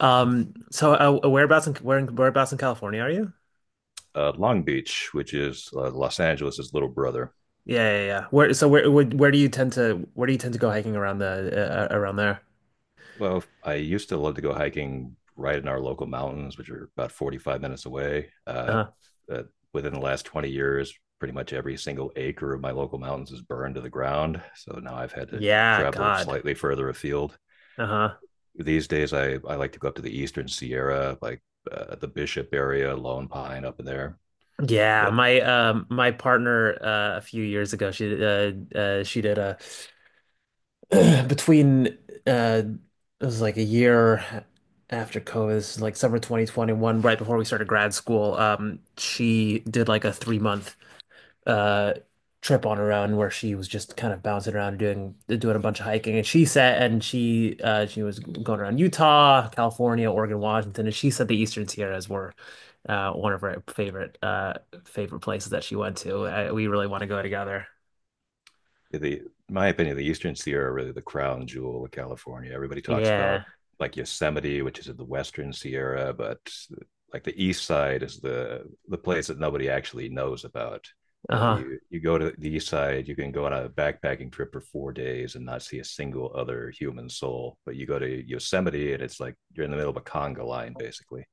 Um, so whereabouts in whereabouts in California are you? Long Beach, which is Los Angeles' little brother. Yeah, yeah, yeah. Where do you tend to go hiking around the around there? Well, I used to love to go hiking right in our local mountains, which are about 45 minutes away. Uh-huh. uh, Within the last 20 years, pretty much every single acre of my local mountains is burned to the ground. So now I've had to Yeah, travel God. slightly further afield. Uh-huh. These days, I like to go up to the Eastern Sierra, like the Bishop area, Lone Pine up in there. Yeah, Yeah, my my partner a few years ago she did a between uh it was like a year after COVID. This is like summer 2021, right before we started grad school. She did like a 3-month uh trip on her own where she was just kind of bouncing around doing a bunch of hiking, and she said and she was going around Utah, California, Oregon, Washington, and she said the Eastern Sierras were one of her favorite favorite places that she went to. We really want to go together. the my opinion, the Eastern Sierra are really the crown jewel of California. Everybody talks about Yeah. like Yosemite, which is in the Western Sierra, but like the East Side is the place that nobody actually knows about. You know, Uh-huh. you go to the East Side, you can go on a backpacking trip for 4 days and not see a single other human soul. But you go to Yosemite, and it's like you're in the middle of a conga line, basically.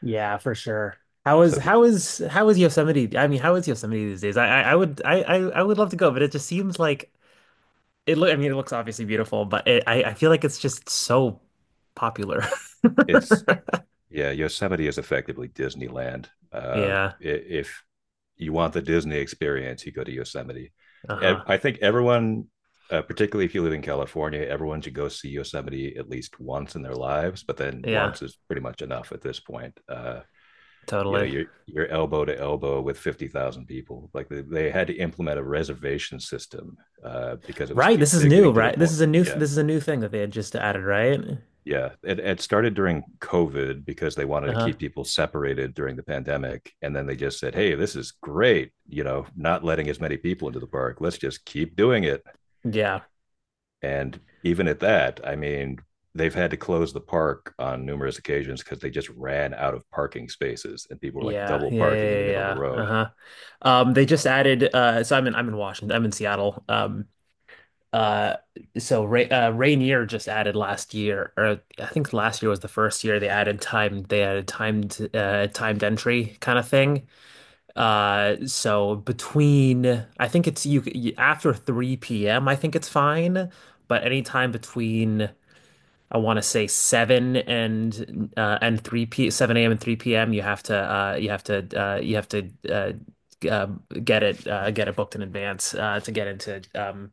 Yeah, for sure. So if you, How is Yosemite? I mean, how is Yosemite these days? I would love to go, but it just seems like— it look, I mean, it looks obviously beautiful, but I feel like it's just so popular. it's Yeah, Yosemite is effectively Disneyland. Yeah. If you want the Disney experience, you go to Yosemite. Uh-huh. I think everyone, Particularly if you live in California, everyone should go see Yosemite at least once in their lives. But then Yeah, once is pretty much enough at this point. You know, totally. you're elbow to elbow with 50,000 people. Like they had to implement a reservation system because it was Right. This is they're new, getting to the right? Point. Yeah, This is a new thing that they had just added, right? yeah, it, it started during COVID because they wanted to Uh-huh. keep people separated during the pandemic. And then they just said, "Hey, this is great, you know, not letting as many people into the park. Let's just keep doing it." Yeah. And even at that, I mean, they've had to close the park on numerous occasions because they just ran out of parking spaces and people were like Yeah. double Yeah. parking in the Yeah. middle of the Yeah. Yeah. road. Uh-huh. They just added so I'm in Washington. I'm in Seattle. Uh so Rainier just added last year, or I think last year was the first year they added timed timed entry kind of thing. So between, I think it's— you after 3 p.m., I think it's fine, but anytime between, I want to say 7 a.m. and 3 p.m., you have to you have to you have to g- get it booked in advance to get into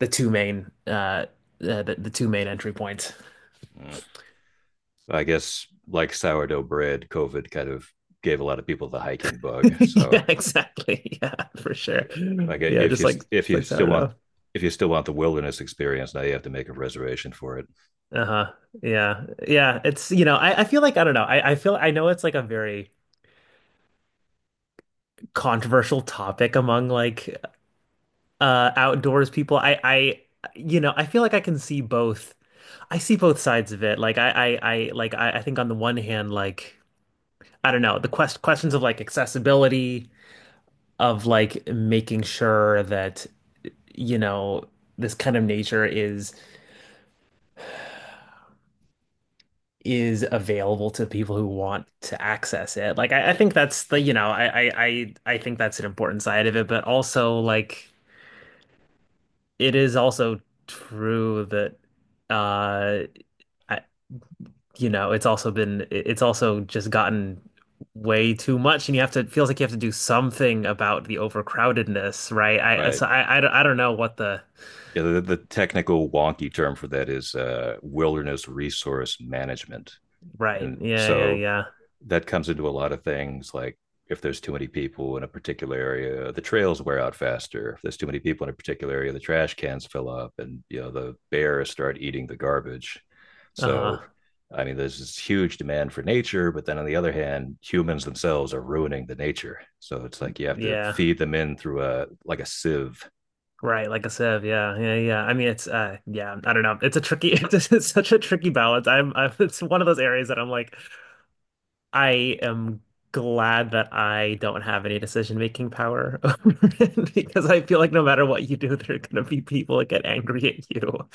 the two main the two main entry points. Mm. I guess like sourdough bread, COVID kind of gave a lot of people the hiking bug. So Yeah, exactly. Yeah, for sure. like uh, Yeah, if just you like— if just you like still want sourdough. if you still want the wilderness experience, now you have to make a reservation for it. Uh-huh. Yeah. Yeah. It's, you know, I— feel like I don't know. I feel I know it's like a very controversial topic among like outdoors people. I you know, I feel like I can see both— I see both sides of it. Like I think on the one hand, like I don't know, the questions of like accessibility, of like making sure that, you know, this kind of nature is— is available to people who want to access it. Like I think that's the, you know, I think that's an important side of it, but also like it is also true that uh I, you know, it's also been— it's also just gotten way too much, and you have to— it feels like you have to do something about the overcrowdedness, right? I Right. so I don't know what the— Yeah, the technical wonky term for that is wilderness resource management. right. And Yeah, yeah, so yeah. that comes into a lot of things like if there's too many people in a particular area, the trails wear out faster. If there's too many people in a particular area, the trash cans fill up and you know the bears start eating the garbage. So Uh-huh. I mean, there's this huge demand for nature, but then on the other hand, humans themselves are ruining the nature. So it's like you have to Yeah. feed them in through a like a sieve. Right, like a sieve. Yeah, yeah, yeah. I mean, it's yeah. I don't know. It's a tricky— it's such a tricky balance. I'm, I'm. It's one of those areas that I'm like, I am glad that I don't have any decision making power over it, because I feel like no matter what you do, there are gonna be people that get angry at you.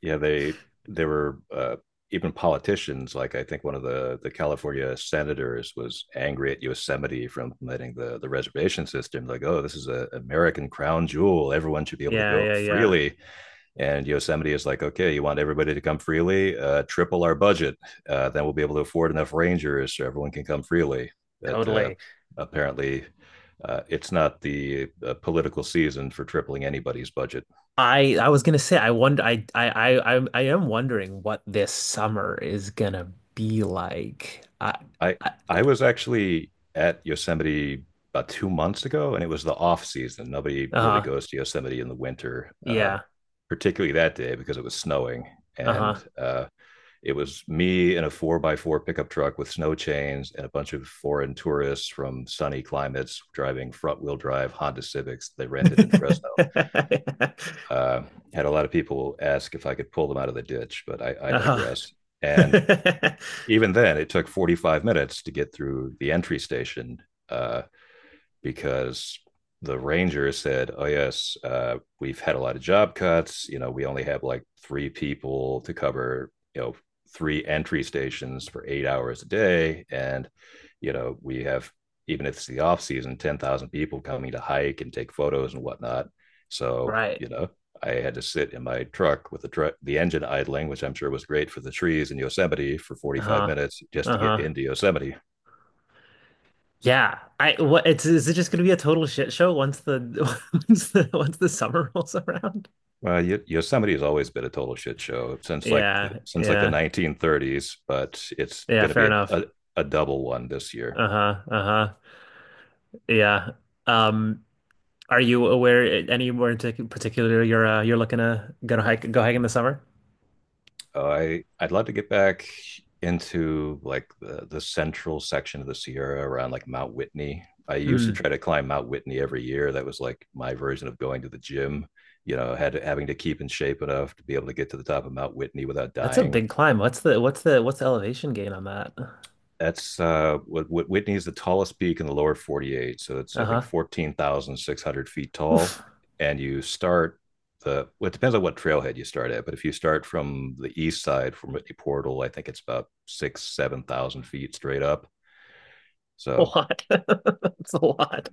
Yeah, they were even politicians, like I think one of the California senators was angry at Yosemite for implementing the reservation system, like, "Oh, this is an American crown jewel, everyone should be able to Yeah, go yeah, yeah. freely." And Yosemite is like, "Okay, you want everybody to come freely, triple our budget, then we'll be able to afford enough rangers so everyone can come freely." that Totally. Apparently it's not the political season for tripling anybody's budget. I was gonna say, I wonder. I am wondering what this summer is gonna be like. I I, I was actually at Yosemite about 2 months ago, and it was the off season. Nobody really uh, goes to Yosemite in the winter, yeah. particularly that day because it was snowing. Uh-huh. And It was me in a four by four pickup truck with snow chains and a bunch of foreign tourists from sunny climates driving front wheel drive Honda Civics they rented in Fresno. Uh, Had a lot of people ask if I could pull them out of the ditch, but I Uh-huh. digress. And even then, it took 45 minutes to get through the entry station uh, because the ranger said, "Oh yes, we've had a lot of job cuts. You know, we only have like three people to cover. You know, three entry stations for 8 hours a day, and you know, we have even if it's the off season, 10,000 people coming to hike and take photos and whatnot. So Right. you know, I had to sit in my truck with the truck, the engine idling, which I'm sure was great for the trees in Yosemite for 45 Uh-huh. minutes just to get Uh-huh. into Yosemite." Yeah. I— what it's— is it just gonna be a total shit show once the once the summer rolls around? Well, y Yosemite has always been a total shit show since like the, Yeah, since like the yeah. 1930s, but it's Yeah, going to fair be a, enough. a a double one this year. Uh-huh. Uh-huh. Yeah. Um, are you anywhere in particular you're looking to go to hike go hike in the summer? I'd love to get back into like the central section of the Sierra around like Mount Whitney. I used to Mm. try to climb Mount Whitney every year. That was like my version of going to the gym. You know, had having to keep in shape enough to be able to get to the top of Mount Whitney without That's a dying. big climb. What's the elevation gain on that? That's Whitney is the tallest peak in the lower 48. So it's, I think, Uh-huh. 14,600 feet tall. Oof. And you start well, it depends on what trailhead you start at. But if you start from the east side from Whitney Portal, I think it's about six, 7,000 feet straight up. A So lot. That's a lot.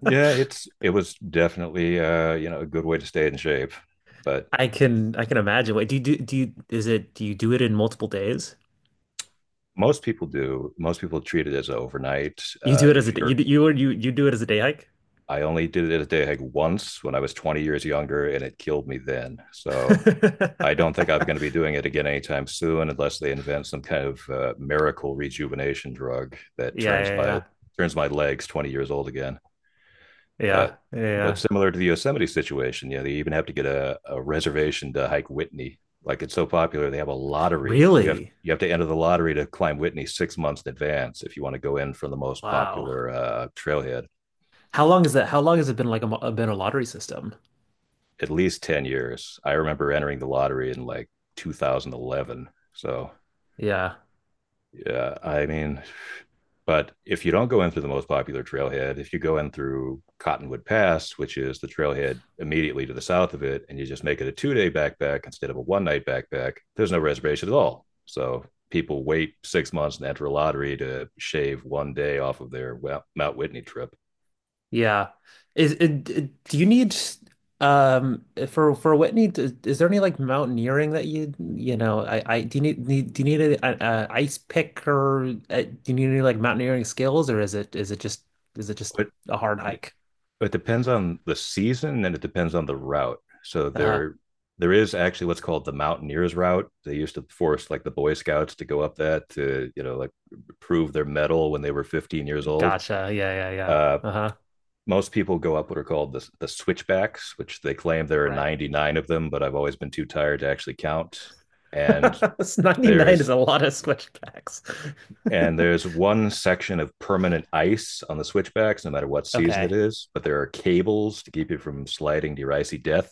yeah, it was definitely, you know, a good way to stay in shape. But I can imagine. Wait, do you do do you is it— do you do it in multiple days? Most people do. Most people treat it as overnight. You do it as If a— you're you do it as a day hike? I only did it a day hike once when I was 20 years younger, and it killed me then. So I don't think I'm going to be doing it again anytime soon, unless they invent some kind of miracle rejuvenation drug that Yeah, yeah, yeah, turns my legs 20 years old again. yeah, But yeah, but yeah. similar to the Yosemite situation, you know, they even have to get a reservation to hike Whitney. Like it's so popular, they have a lottery. You have Really? you have to enter the lottery to climb Whitney 6 months in advance if you want to go in for the most Wow. popular trailhead. How long is that? How long has it been like been a lottery system? At least 10 years. I remember entering the lottery in like 2011. So, Yeah. yeah, I mean, but if you don't go in through the most popular trailhead, if you go in through Cottonwood Pass, which is the trailhead immediately to the south of it, and you just make it a 2 day backpack instead of a one night backpack, there's no reservation at all. So people wait 6 months and enter a lottery to shave 1 day off of their Mount Whitney trip. Yeah. Is it, do you need for— for Whitney— d is there any like mountaineering that you— you know I do you need, need— do you need a ice pick, or do you need any like mountaineering skills, or is it— is it just But a hard hike? it depends on the season and it depends on the route. So Uh-huh. There is actually what's called the Mountaineers route. They used to force like the Boy Scouts to go up that to, you know, like prove their medal when they were 15 years old. Gotcha. Yeah, yeah, yeah. Uh, Uh-huh. Most people go up what are called the switchbacks, which they claim there are Right. 99 of them, but I've always been too tired to actually count. And It's— 99 is there's a lot of switchbacks. and there's one section of permanent ice on the switchbacks, no matter what season it Okay. is. But there are cables to keep you from sliding to your icy death.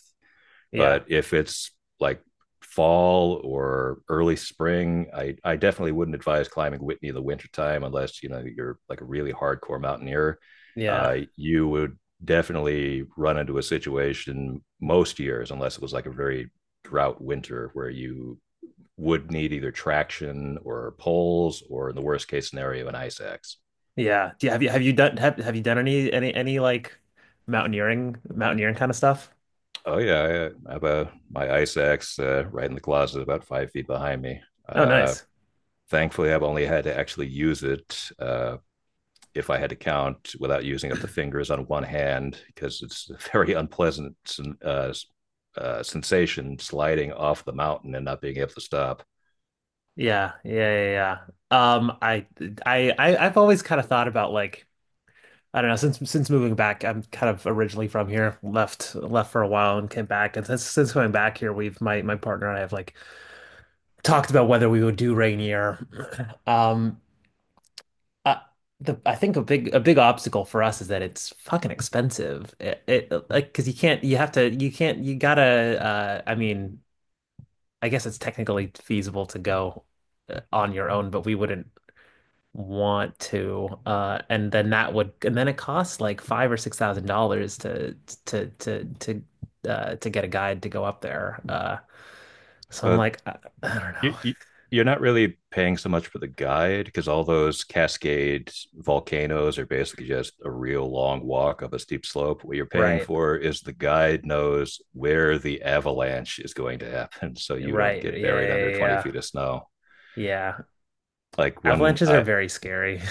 Yeah. But if it's like fall or early spring, I definitely wouldn't advise climbing Whitney in the wintertime unless, you know, you're like a really hardcore mountaineer. Yeah. You would definitely run into a situation most years, unless it was like a very drought winter where you would need either traction or poles or in the worst case scenario, an ice axe. Yeah. Do you, have you— have you done any like mountaineering kind of stuff? Oh yeah, I have a my ice axe right in the closet, about 5 feet behind me. Oh, Uh, nice. Thankfully, I've only had to actually use it if I had to count without using up the fingers on one hand, because it's a very unpleasant uh, sensation sliding off the mountain and not being able to stop. Yeah, yeah, yeah, yeah. I've always kind of thought about like I don't know, since— since moving back. I'm kind of originally from here, left for a while and came back. And since— since coming back here, we've— my partner and I have like talked about whether we would do rain year. Um, uh, the— I think a big— a big obstacle for us is that it's fucking expensive. It like because you can't— you have to— you can't— you gotta I mean, I guess it's technically feasible to go on your own, but we wouldn't want to. And then that would— and then it costs like five or six thousand dollars to to to to to get a guide to go up there. So I'm But like I don't you, know. you, you're not really paying so much for the guide because all those cascade volcanoes are basically just a real long walk up a steep slope. What you're paying Right, for is the guide knows where the avalanche is going to happen, so you don't right, yeah, get buried yeah, under 20 yeah. feet of snow. Yeah. Like when Avalanches are I very scary.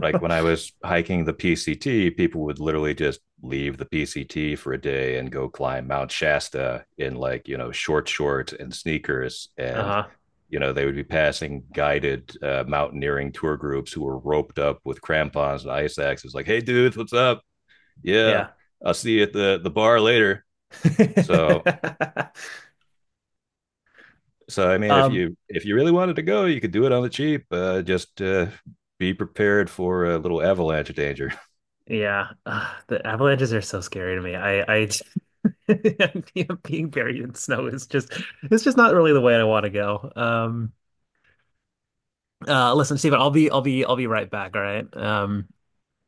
like when I was hiking the PCT, people would literally just leave the PCT for a day and go climb Mount Shasta in like, you know, short shorts and sneakers and Uh-huh. you know, they would be passing guided mountaineering tour groups who were roped up with crampons and ice axes like, "Hey dudes, what's up? Yeah, Yeah. I'll see you at the bar later." So, so, I mean, Um, if you really wanted to go, you could do it on the cheap. Just be prepared for a little avalanche danger. yeah. The avalanches are so scary to me. I being buried in snow is just— it's just not really the way I want to go. Listen, Stephen, I'll be right back, all right?